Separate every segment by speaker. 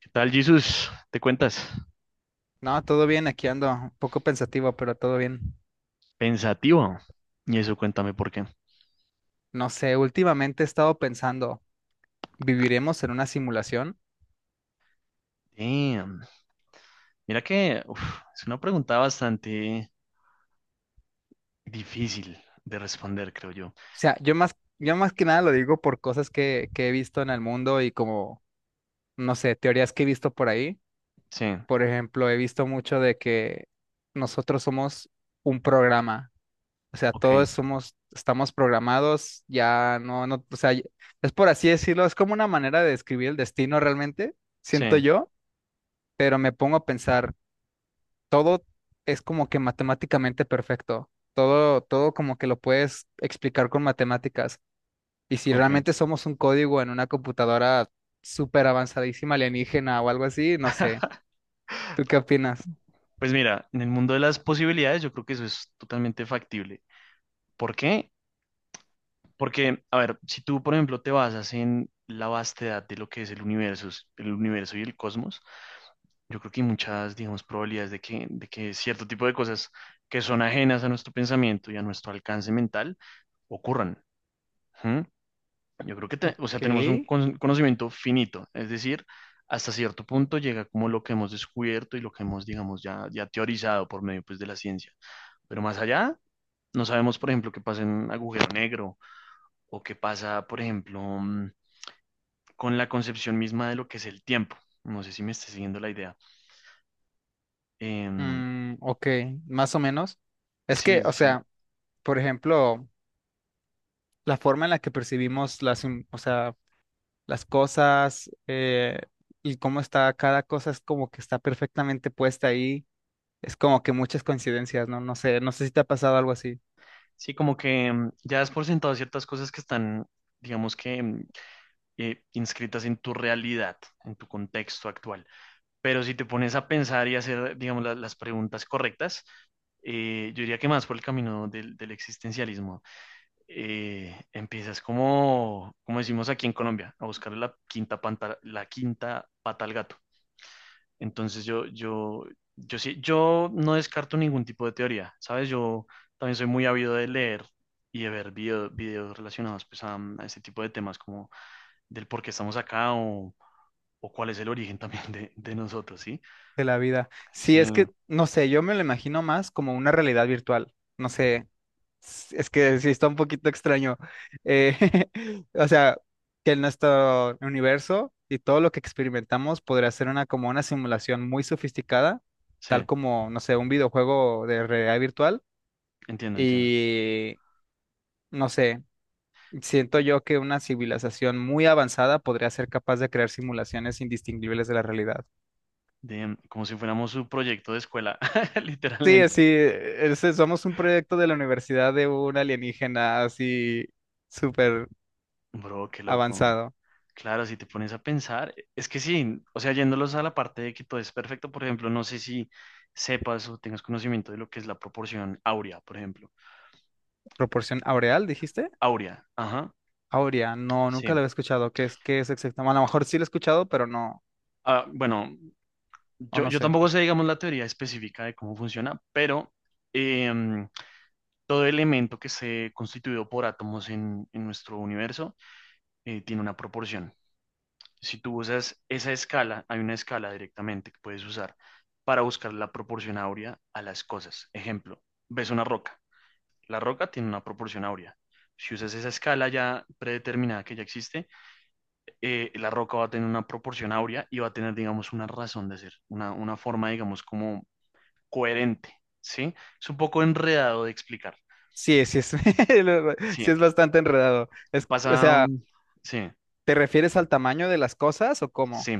Speaker 1: ¿Qué tal, Jesús? ¿Te cuentas?
Speaker 2: No, todo bien, aquí ando, un poco pensativo, pero todo bien.
Speaker 1: Pensativo. Y eso, cuéntame por qué.
Speaker 2: No sé, últimamente he estado pensando, ¿viviremos en una simulación? O
Speaker 1: Damn. Mira que uf, es una pregunta bastante difícil de responder, creo yo.
Speaker 2: sea, yo más que nada lo digo por cosas que he visto en el mundo y como, no sé, teorías que he visto por ahí.
Speaker 1: Sí,
Speaker 2: Por ejemplo, he visto mucho de que nosotros somos un programa. O sea,
Speaker 1: ok,
Speaker 2: todos somos, estamos programados, ya no, o sea, es por así decirlo, es como una manera de describir el destino realmente,
Speaker 1: sí,
Speaker 2: siento yo, pero me pongo a pensar. Todo es como que matemáticamente perfecto. Todo, como que lo puedes explicar con matemáticas. Y si
Speaker 1: ok.
Speaker 2: realmente somos un código en una computadora súper avanzadísima, alienígena o algo así, no sé. ¿Tú qué opinas?
Speaker 1: Pues mira, en el mundo de las posibilidades yo creo que eso es totalmente factible. ¿Por qué? Porque, a ver, si tú, por ejemplo, te basas en la vastedad de lo que es el universo y el cosmos, yo creo que hay muchas, digamos, probabilidades de que cierto tipo de cosas que son ajenas a nuestro pensamiento y a nuestro alcance mental ocurran. ¿Mm? Yo creo que, o
Speaker 2: Ok.
Speaker 1: sea, tenemos un conocimiento finito, es decir, hasta cierto punto llega como lo que hemos descubierto y lo que hemos, digamos, ya teorizado por medio, pues, de la ciencia. Pero más allá, no sabemos, por ejemplo, qué pasa en un agujero negro o qué pasa, por ejemplo, con la concepción misma de lo que es el tiempo. No sé si me está siguiendo la idea. Em,
Speaker 2: Ok, más o menos. Es
Speaker 1: sí,
Speaker 2: que,
Speaker 1: sí,
Speaker 2: o
Speaker 1: sí.
Speaker 2: sea, por ejemplo, la forma en la que percibimos las, o sea, las cosas y cómo está cada cosa es como que está perfectamente puesta ahí. Es como que muchas coincidencias, ¿no? No sé, no sé si te ha pasado algo así
Speaker 1: Sí, como que ya has por sentado ciertas cosas que están, digamos que, inscritas en tu realidad, en tu contexto actual. Pero si te pones a pensar y hacer, digamos, las preguntas correctas, yo diría que más por el camino del existencialismo. Empiezas como decimos aquí en Colombia, a buscar la quinta, la quinta pata al gato. Entonces yo no descarto ningún tipo de teoría, ¿sabes? Yo también soy muy ávido de leer y de ver videos relacionados pues a este tipo de temas como del por qué estamos acá o cuál es el origen también de nosotros, ¿sí?
Speaker 2: de la vida. Sí, es
Speaker 1: Sí,
Speaker 2: que, no sé, yo me lo imagino más como una realidad virtual. No sé, es que sí está un poquito extraño. Eh, o sea, que nuestro universo y todo lo que experimentamos podría ser una como una simulación muy sofisticada, tal
Speaker 1: sí,
Speaker 2: como, no sé, un videojuego de realidad virtual.
Speaker 1: entiendo, entiendo.
Speaker 2: Y no sé. Siento yo que una civilización muy avanzada podría ser capaz de crear simulaciones indistinguibles de la realidad.
Speaker 1: Como si fuéramos su proyecto de escuela,
Speaker 2: Sí, así,
Speaker 1: literalmente.
Speaker 2: somos un proyecto de la universidad de un alienígena así súper
Speaker 1: Bro, qué loco.
Speaker 2: avanzado.
Speaker 1: Claro, si te pones a pensar, es que sí, o sea, yéndolos a la parte de que todo es perfecto, por ejemplo, no sé si sepas o tengas conocimiento de lo que es la proporción áurea, por ejemplo.
Speaker 2: ¿Proporción aureal, dijiste?
Speaker 1: Áurea, ajá,
Speaker 2: Aurea, no,
Speaker 1: sí.
Speaker 2: nunca lo había escuchado. Qué es exactamente? A lo mejor sí lo he escuchado, pero no,
Speaker 1: Ah, bueno,
Speaker 2: o
Speaker 1: yo,
Speaker 2: no
Speaker 1: yo
Speaker 2: sé.
Speaker 1: tampoco sé, digamos, la teoría específica de cómo funciona, pero em, todo elemento que se constituido por átomos en nuestro universo tiene una proporción. Si tú usas esa escala, hay una escala directamente que puedes usar para buscar la proporción áurea a las cosas. Ejemplo, ves una roca. La roca tiene una proporción áurea. Si usas esa escala ya predeterminada que ya existe, la roca va a tener una proporción áurea y va a tener, digamos, una razón de ser, una forma, digamos, como coherente, ¿sí? Es un poco enredado de explicar.
Speaker 2: Sí, sí es,
Speaker 1: Sí,
Speaker 2: sí es bastante enredado. Es, o
Speaker 1: pasa,
Speaker 2: sea,
Speaker 1: mm, sí,
Speaker 2: ¿te refieres al tamaño de las cosas o cómo?
Speaker 1: sí,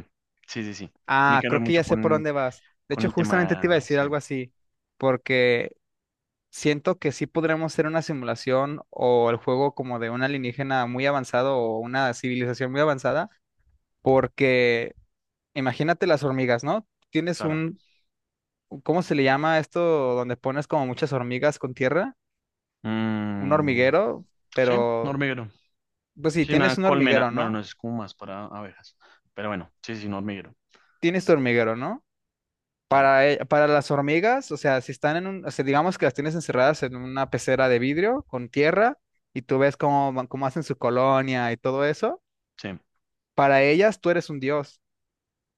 Speaker 1: sí, sí, sí. Tiene
Speaker 2: Ah,
Speaker 1: que ver
Speaker 2: creo que
Speaker 1: mucho
Speaker 2: ya sé por
Speaker 1: con,
Speaker 2: dónde vas. De
Speaker 1: con
Speaker 2: hecho,
Speaker 1: el
Speaker 2: justamente te iba a
Speaker 1: tema,
Speaker 2: decir
Speaker 1: sí,
Speaker 2: algo así, porque siento que sí podremos hacer una simulación o el juego como de un alienígena muy avanzado o una civilización muy avanzada, porque imagínate las hormigas, ¿no? Tienes
Speaker 1: claro.
Speaker 2: un, ¿cómo se le llama esto? Donde pones como muchas hormigas con tierra, un
Speaker 1: Mm,
Speaker 2: hormiguero,
Speaker 1: sí, un
Speaker 2: pero,
Speaker 1: hormiguero.
Speaker 2: pues sí,
Speaker 1: Sí, una
Speaker 2: tienes un
Speaker 1: colmena.
Speaker 2: hormiguero,
Speaker 1: Bueno, no
Speaker 2: ¿no?
Speaker 1: es como más para abejas. Pero bueno, sí, sí, un hormiguero.
Speaker 2: Tienes tu hormiguero, ¿no?
Speaker 1: Claro,
Speaker 2: Para, para las hormigas, o sea, si están en un, o sea, digamos que las tienes encerradas en una pecera de vidrio con tierra y tú ves cómo, cómo hacen su colonia y todo eso,
Speaker 1: sí,
Speaker 2: para ellas tú eres un dios,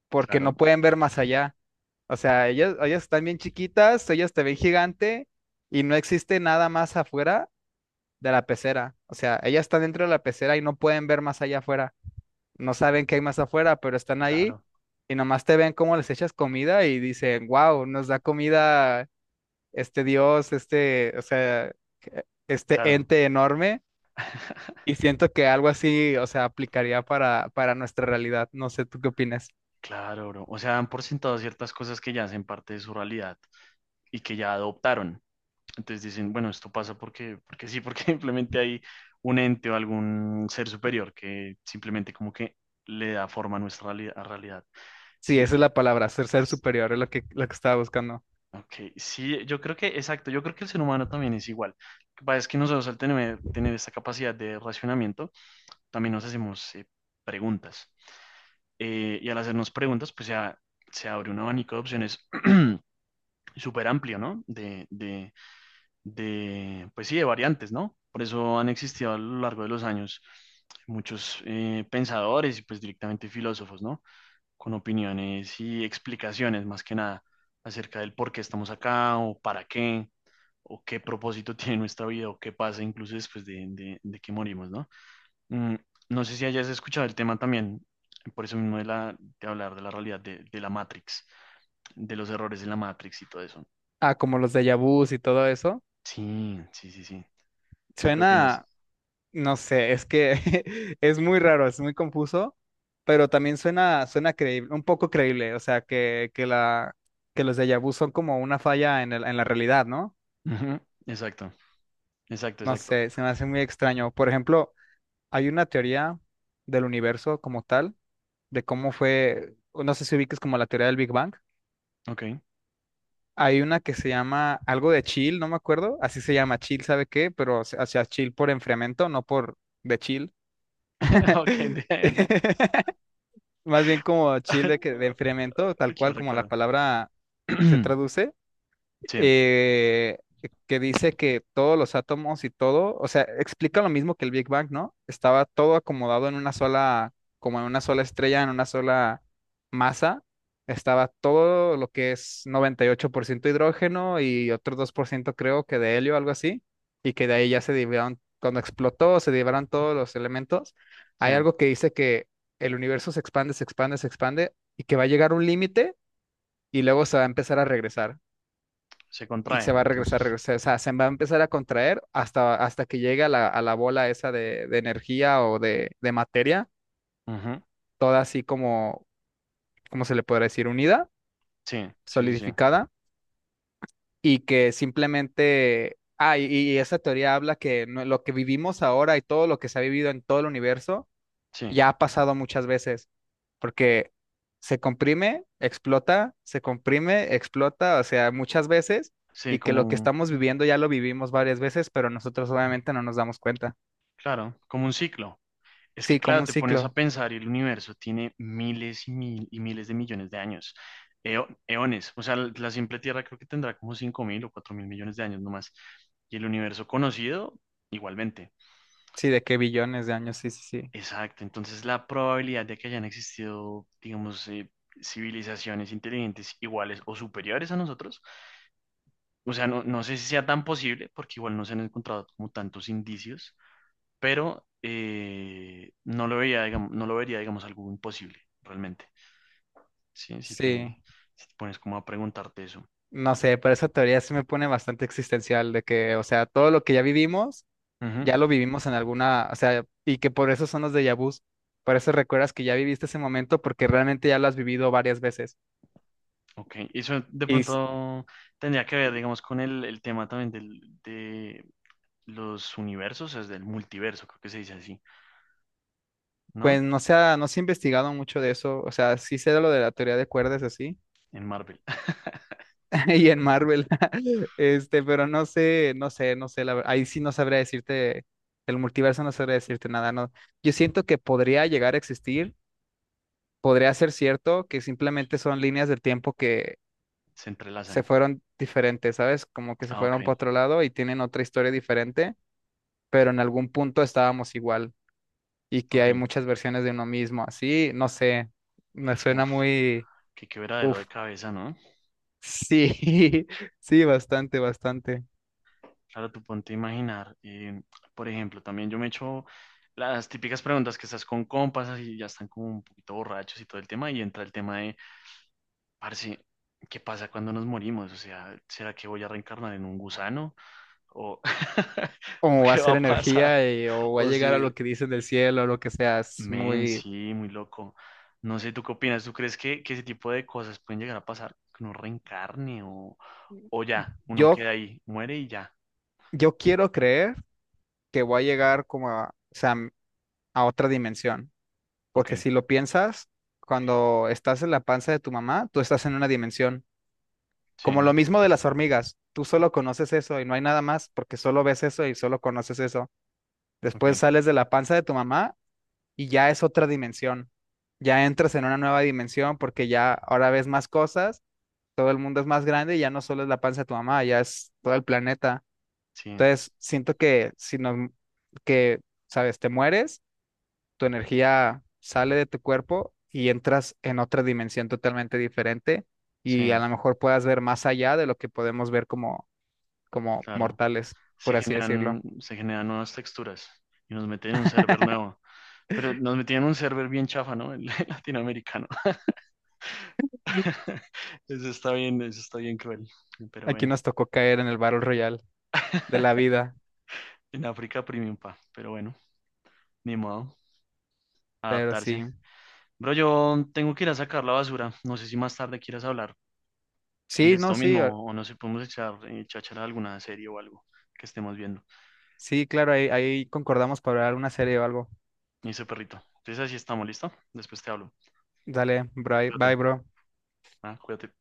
Speaker 2: porque
Speaker 1: claro,
Speaker 2: no pueden ver más allá. O sea, ellas están bien chiquitas, ellas te ven gigante y no existe nada más afuera de la pecera. O sea, ellas están dentro de la pecera y no pueden ver más allá afuera. No saben qué hay más afuera, pero están ahí
Speaker 1: claro,
Speaker 2: y nomás te ven cómo les echas comida y dicen, wow, nos da comida este dios, este, o sea, este
Speaker 1: claro,
Speaker 2: ente enorme, y siento que algo así, o sea, aplicaría para nuestra realidad. No sé, ¿tú qué opinas?
Speaker 1: claro, bro. O sea, dan por sentado ciertas cosas que ya hacen parte de su realidad y que ya adoptaron. Entonces dicen, bueno, esto pasa porque sí, porque simplemente hay un ente o algún ser superior que simplemente como que le da forma a nuestra a realidad.
Speaker 2: Sí,
Speaker 1: Sí,
Speaker 2: esa es la palabra, ser superior, es lo que estaba buscando.
Speaker 1: ok, sí, yo creo que, exacto, yo creo que el ser humano también es igual. Lo que pasa es que nosotros al tener esta capacidad de racionamiento, también nos hacemos preguntas. Y al hacernos preguntas, pues ya se abre un abanico de opciones súper amplio, ¿no? De, pues sí, de variantes, ¿no? Por eso han existido a lo largo de los años muchos pensadores y pues directamente filósofos, ¿no? Con opiniones y explicaciones más que nada acerca del por qué estamos acá o para qué o qué propósito tiene nuestra vida o qué pasa incluso después de que morimos, ¿no? Mm, no sé si hayas escuchado el tema también, por eso mismo de hablar de la realidad de la Matrix, de los errores de la Matrix y todo eso.
Speaker 2: Ah, como los déjà vus y todo eso.
Speaker 1: Sí, sí, sí, sí. ¿Tú qué opinas?
Speaker 2: Suena, no sé, es que es muy raro, es muy confuso, pero también suena, suena creíble, un poco creíble, o sea, que la, que los déjà vus son como una falla en en la realidad, ¿no?
Speaker 1: Ujú, exacto, exacto,
Speaker 2: No
Speaker 1: exacto.
Speaker 2: sé, se me hace muy extraño. Por ejemplo, hay una teoría del universo como tal, de cómo fue, no sé si ubiques como la teoría del Big Bang.
Speaker 1: Ok,
Speaker 2: Hay una que se llama algo de chill, no me acuerdo, así se llama chill, ¿sabe qué? Pero o sea, chill por enfriamiento, no por de chill.
Speaker 1: ok.
Speaker 2: Más bien como chill de, que, de enfriamiento, tal cual
Speaker 1: Claro,
Speaker 2: como la
Speaker 1: claro.
Speaker 2: palabra se traduce.
Speaker 1: Sí,
Speaker 2: Eh, que dice que todos los átomos y todo, o sea, explica lo mismo que el Big Bang, ¿no? Estaba todo acomodado en una sola, como en una sola estrella, en una sola masa. Estaba todo lo que es 98% hidrógeno y otro 2% creo que de helio, algo así, y que de ahí ya se dividieron, cuando explotó, se dividieron todos los elementos.
Speaker 1: sí.
Speaker 2: Hay algo que dice que el universo se expande y que va a llegar un límite y luego se va a empezar a regresar
Speaker 1: Se
Speaker 2: y se
Speaker 1: contrae,
Speaker 2: va a regresar,
Speaker 1: entonces.
Speaker 2: regresar, o sea, se va a empezar a contraer hasta, hasta que llegue a la bola esa de energía o de materia,
Speaker 1: Ujú,
Speaker 2: toda así como, ¿cómo se le podría decir? Unida,
Speaker 1: sí, sí, sí, sí,
Speaker 2: solidificada, y que simplemente, ah, y esa teoría habla que lo que vivimos ahora y todo lo que se ha vivido en todo el universo
Speaker 1: sí,
Speaker 2: ya ha pasado muchas veces, porque se comprime, explota, o sea, muchas veces,
Speaker 1: sí,
Speaker 2: y que lo que estamos viviendo ya lo vivimos varias veces, pero nosotros obviamente no nos damos cuenta.
Speaker 1: claro, como un ciclo. Es que,
Speaker 2: Sí, como
Speaker 1: claro,
Speaker 2: un
Speaker 1: te pones a
Speaker 2: ciclo,
Speaker 1: pensar y el universo tiene miles y, miles de millones de años, eones. O sea, la simple Tierra creo que tendrá como 5000 o 4000 millones de años nomás. Y el universo conocido, igualmente.
Speaker 2: sí, de que billones de años, sí, sí, sí,
Speaker 1: Exacto. Entonces, la probabilidad de que hayan existido, digamos, civilizaciones inteligentes iguales o superiores a nosotros. O sea, no, no sé si sea tan posible, porque igual no se han encontrado como tantos indicios, pero no lo veía, digamos, no lo vería, digamos, algo imposible, realmente. Sí,
Speaker 2: sí.
Speaker 1: si te pones como a preguntarte eso.
Speaker 2: No sé, pero esa teoría sí me pone bastante existencial, de que, o sea, todo lo que ya vivimos,
Speaker 1: Ujú,
Speaker 2: ya lo vivimos en alguna, o sea, y que por eso son los déjà vus, por eso recuerdas que ya viviste ese momento, porque realmente ya lo has vivido varias veces.
Speaker 1: ok, eso de
Speaker 2: Y,
Speaker 1: pronto tendría que ver, digamos, con el tema también del, de los universos, es del multiverso, creo que se dice así, ¿no?
Speaker 2: pues no se ha, no se ha investigado mucho de eso, o sea, sí sé de lo de la teoría de cuerdas así,
Speaker 1: En Marvel,
Speaker 2: y en Marvel, este, pero no sé, la ahí sí no sabría decirte, el multiverso no sabría decirte nada, no. Yo siento que podría llegar a existir, podría ser cierto que simplemente son líneas del tiempo que
Speaker 1: se
Speaker 2: se
Speaker 1: entrelazan.
Speaker 2: fueron diferentes, ¿sabes? Como que se
Speaker 1: Ah, ok,
Speaker 2: fueron para otro lado y tienen otra historia diferente, pero en algún punto estábamos igual, y que hay
Speaker 1: ok.
Speaker 2: muchas versiones de uno mismo, así, no sé, me suena
Speaker 1: Uf,
Speaker 2: muy...
Speaker 1: qué quebradero
Speaker 2: Uf,
Speaker 1: de cabeza, ¿no?
Speaker 2: sí, sí, bastante, bastante.
Speaker 1: Claro, tú ponte a imaginar. Por ejemplo, también yo me echo las típicas preguntas que estás con compas y ya están como un poquito borrachos y todo el tema, y entra el tema de, parce, ¿qué pasa cuando nos morimos? O sea, ¿será que voy a reencarnar en un gusano? ¿O
Speaker 2: O va a
Speaker 1: qué va
Speaker 2: ser
Speaker 1: a pasar?
Speaker 2: energía o va a
Speaker 1: O
Speaker 2: llegar a
Speaker 1: si,
Speaker 2: lo que dicen del cielo o lo que sea. Es
Speaker 1: men,
Speaker 2: muy...
Speaker 1: sí, muy loco. No sé, ¿tú qué opinas? ¿Tú crees que ese tipo de cosas pueden llegar a pasar? Que uno reencarne o ya, uno
Speaker 2: Yo,
Speaker 1: queda ahí, muere y ya.
Speaker 2: yo quiero creer que voy a llegar como a, o sea, a otra dimensión.
Speaker 1: Ok,
Speaker 2: Porque si lo piensas, cuando estás en la panza de tu mamá, tú estás en una dimensión. Como lo
Speaker 1: sí,
Speaker 2: mismo de las hormigas. Tú solo conoces eso y no hay nada más porque solo ves eso y solo conoces eso. Después
Speaker 1: ok,
Speaker 2: sales de la panza de tu mamá y ya es otra dimensión. Ya entras en una nueva dimensión porque ya ahora ves más cosas, todo el mundo es más grande y ya no solo es la panza de tu mamá, ya es todo el planeta.
Speaker 1: sí.
Speaker 2: Entonces, siento que si no, que, sabes, te mueres, tu energía sale de tu cuerpo y entras en otra dimensión totalmente diferente
Speaker 1: Sí,
Speaker 2: y a lo mejor puedas ver más allá de lo que podemos ver como, como
Speaker 1: claro.
Speaker 2: mortales,
Speaker 1: Se
Speaker 2: por así decirlo.
Speaker 1: generan, se generan nuevas texturas y nos meten en un server nuevo. Pero nos metían en un server bien chafa, ¿no? El latinoamericano. Eso está bien cruel. Pero
Speaker 2: Aquí
Speaker 1: bueno,
Speaker 2: nos tocó caer en el Battle Royale de la vida,
Speaker 1: en África premium, pa. Pero bueno, ni modo,
Speaker 2: pero
Speaker 1: adaptarse.
Speaker 2: sí.
Speaker 1: Bro, yo tengo que ir a sacar la basura. No sé si más tarde quieras hablar de
Speaker 2: Sí, no,
Speaker 1: esto
Speaker 2: sí,
Speaker 1: mismo o no sé, podemos echar, chachar alguna serie o algo que estemos viendo.
Speaker 2: sí, claro, ahí concordamos para ver una serie o algo.
Speaker 1: Me dice perrito. Entonces así estamos, ¿listo? Después te hablo.
Speaker 2: Dale, bye, bye,
Speaker 1: Cuídate.
Speaker 2: bro.
Speaker 1: Ah, cuídate.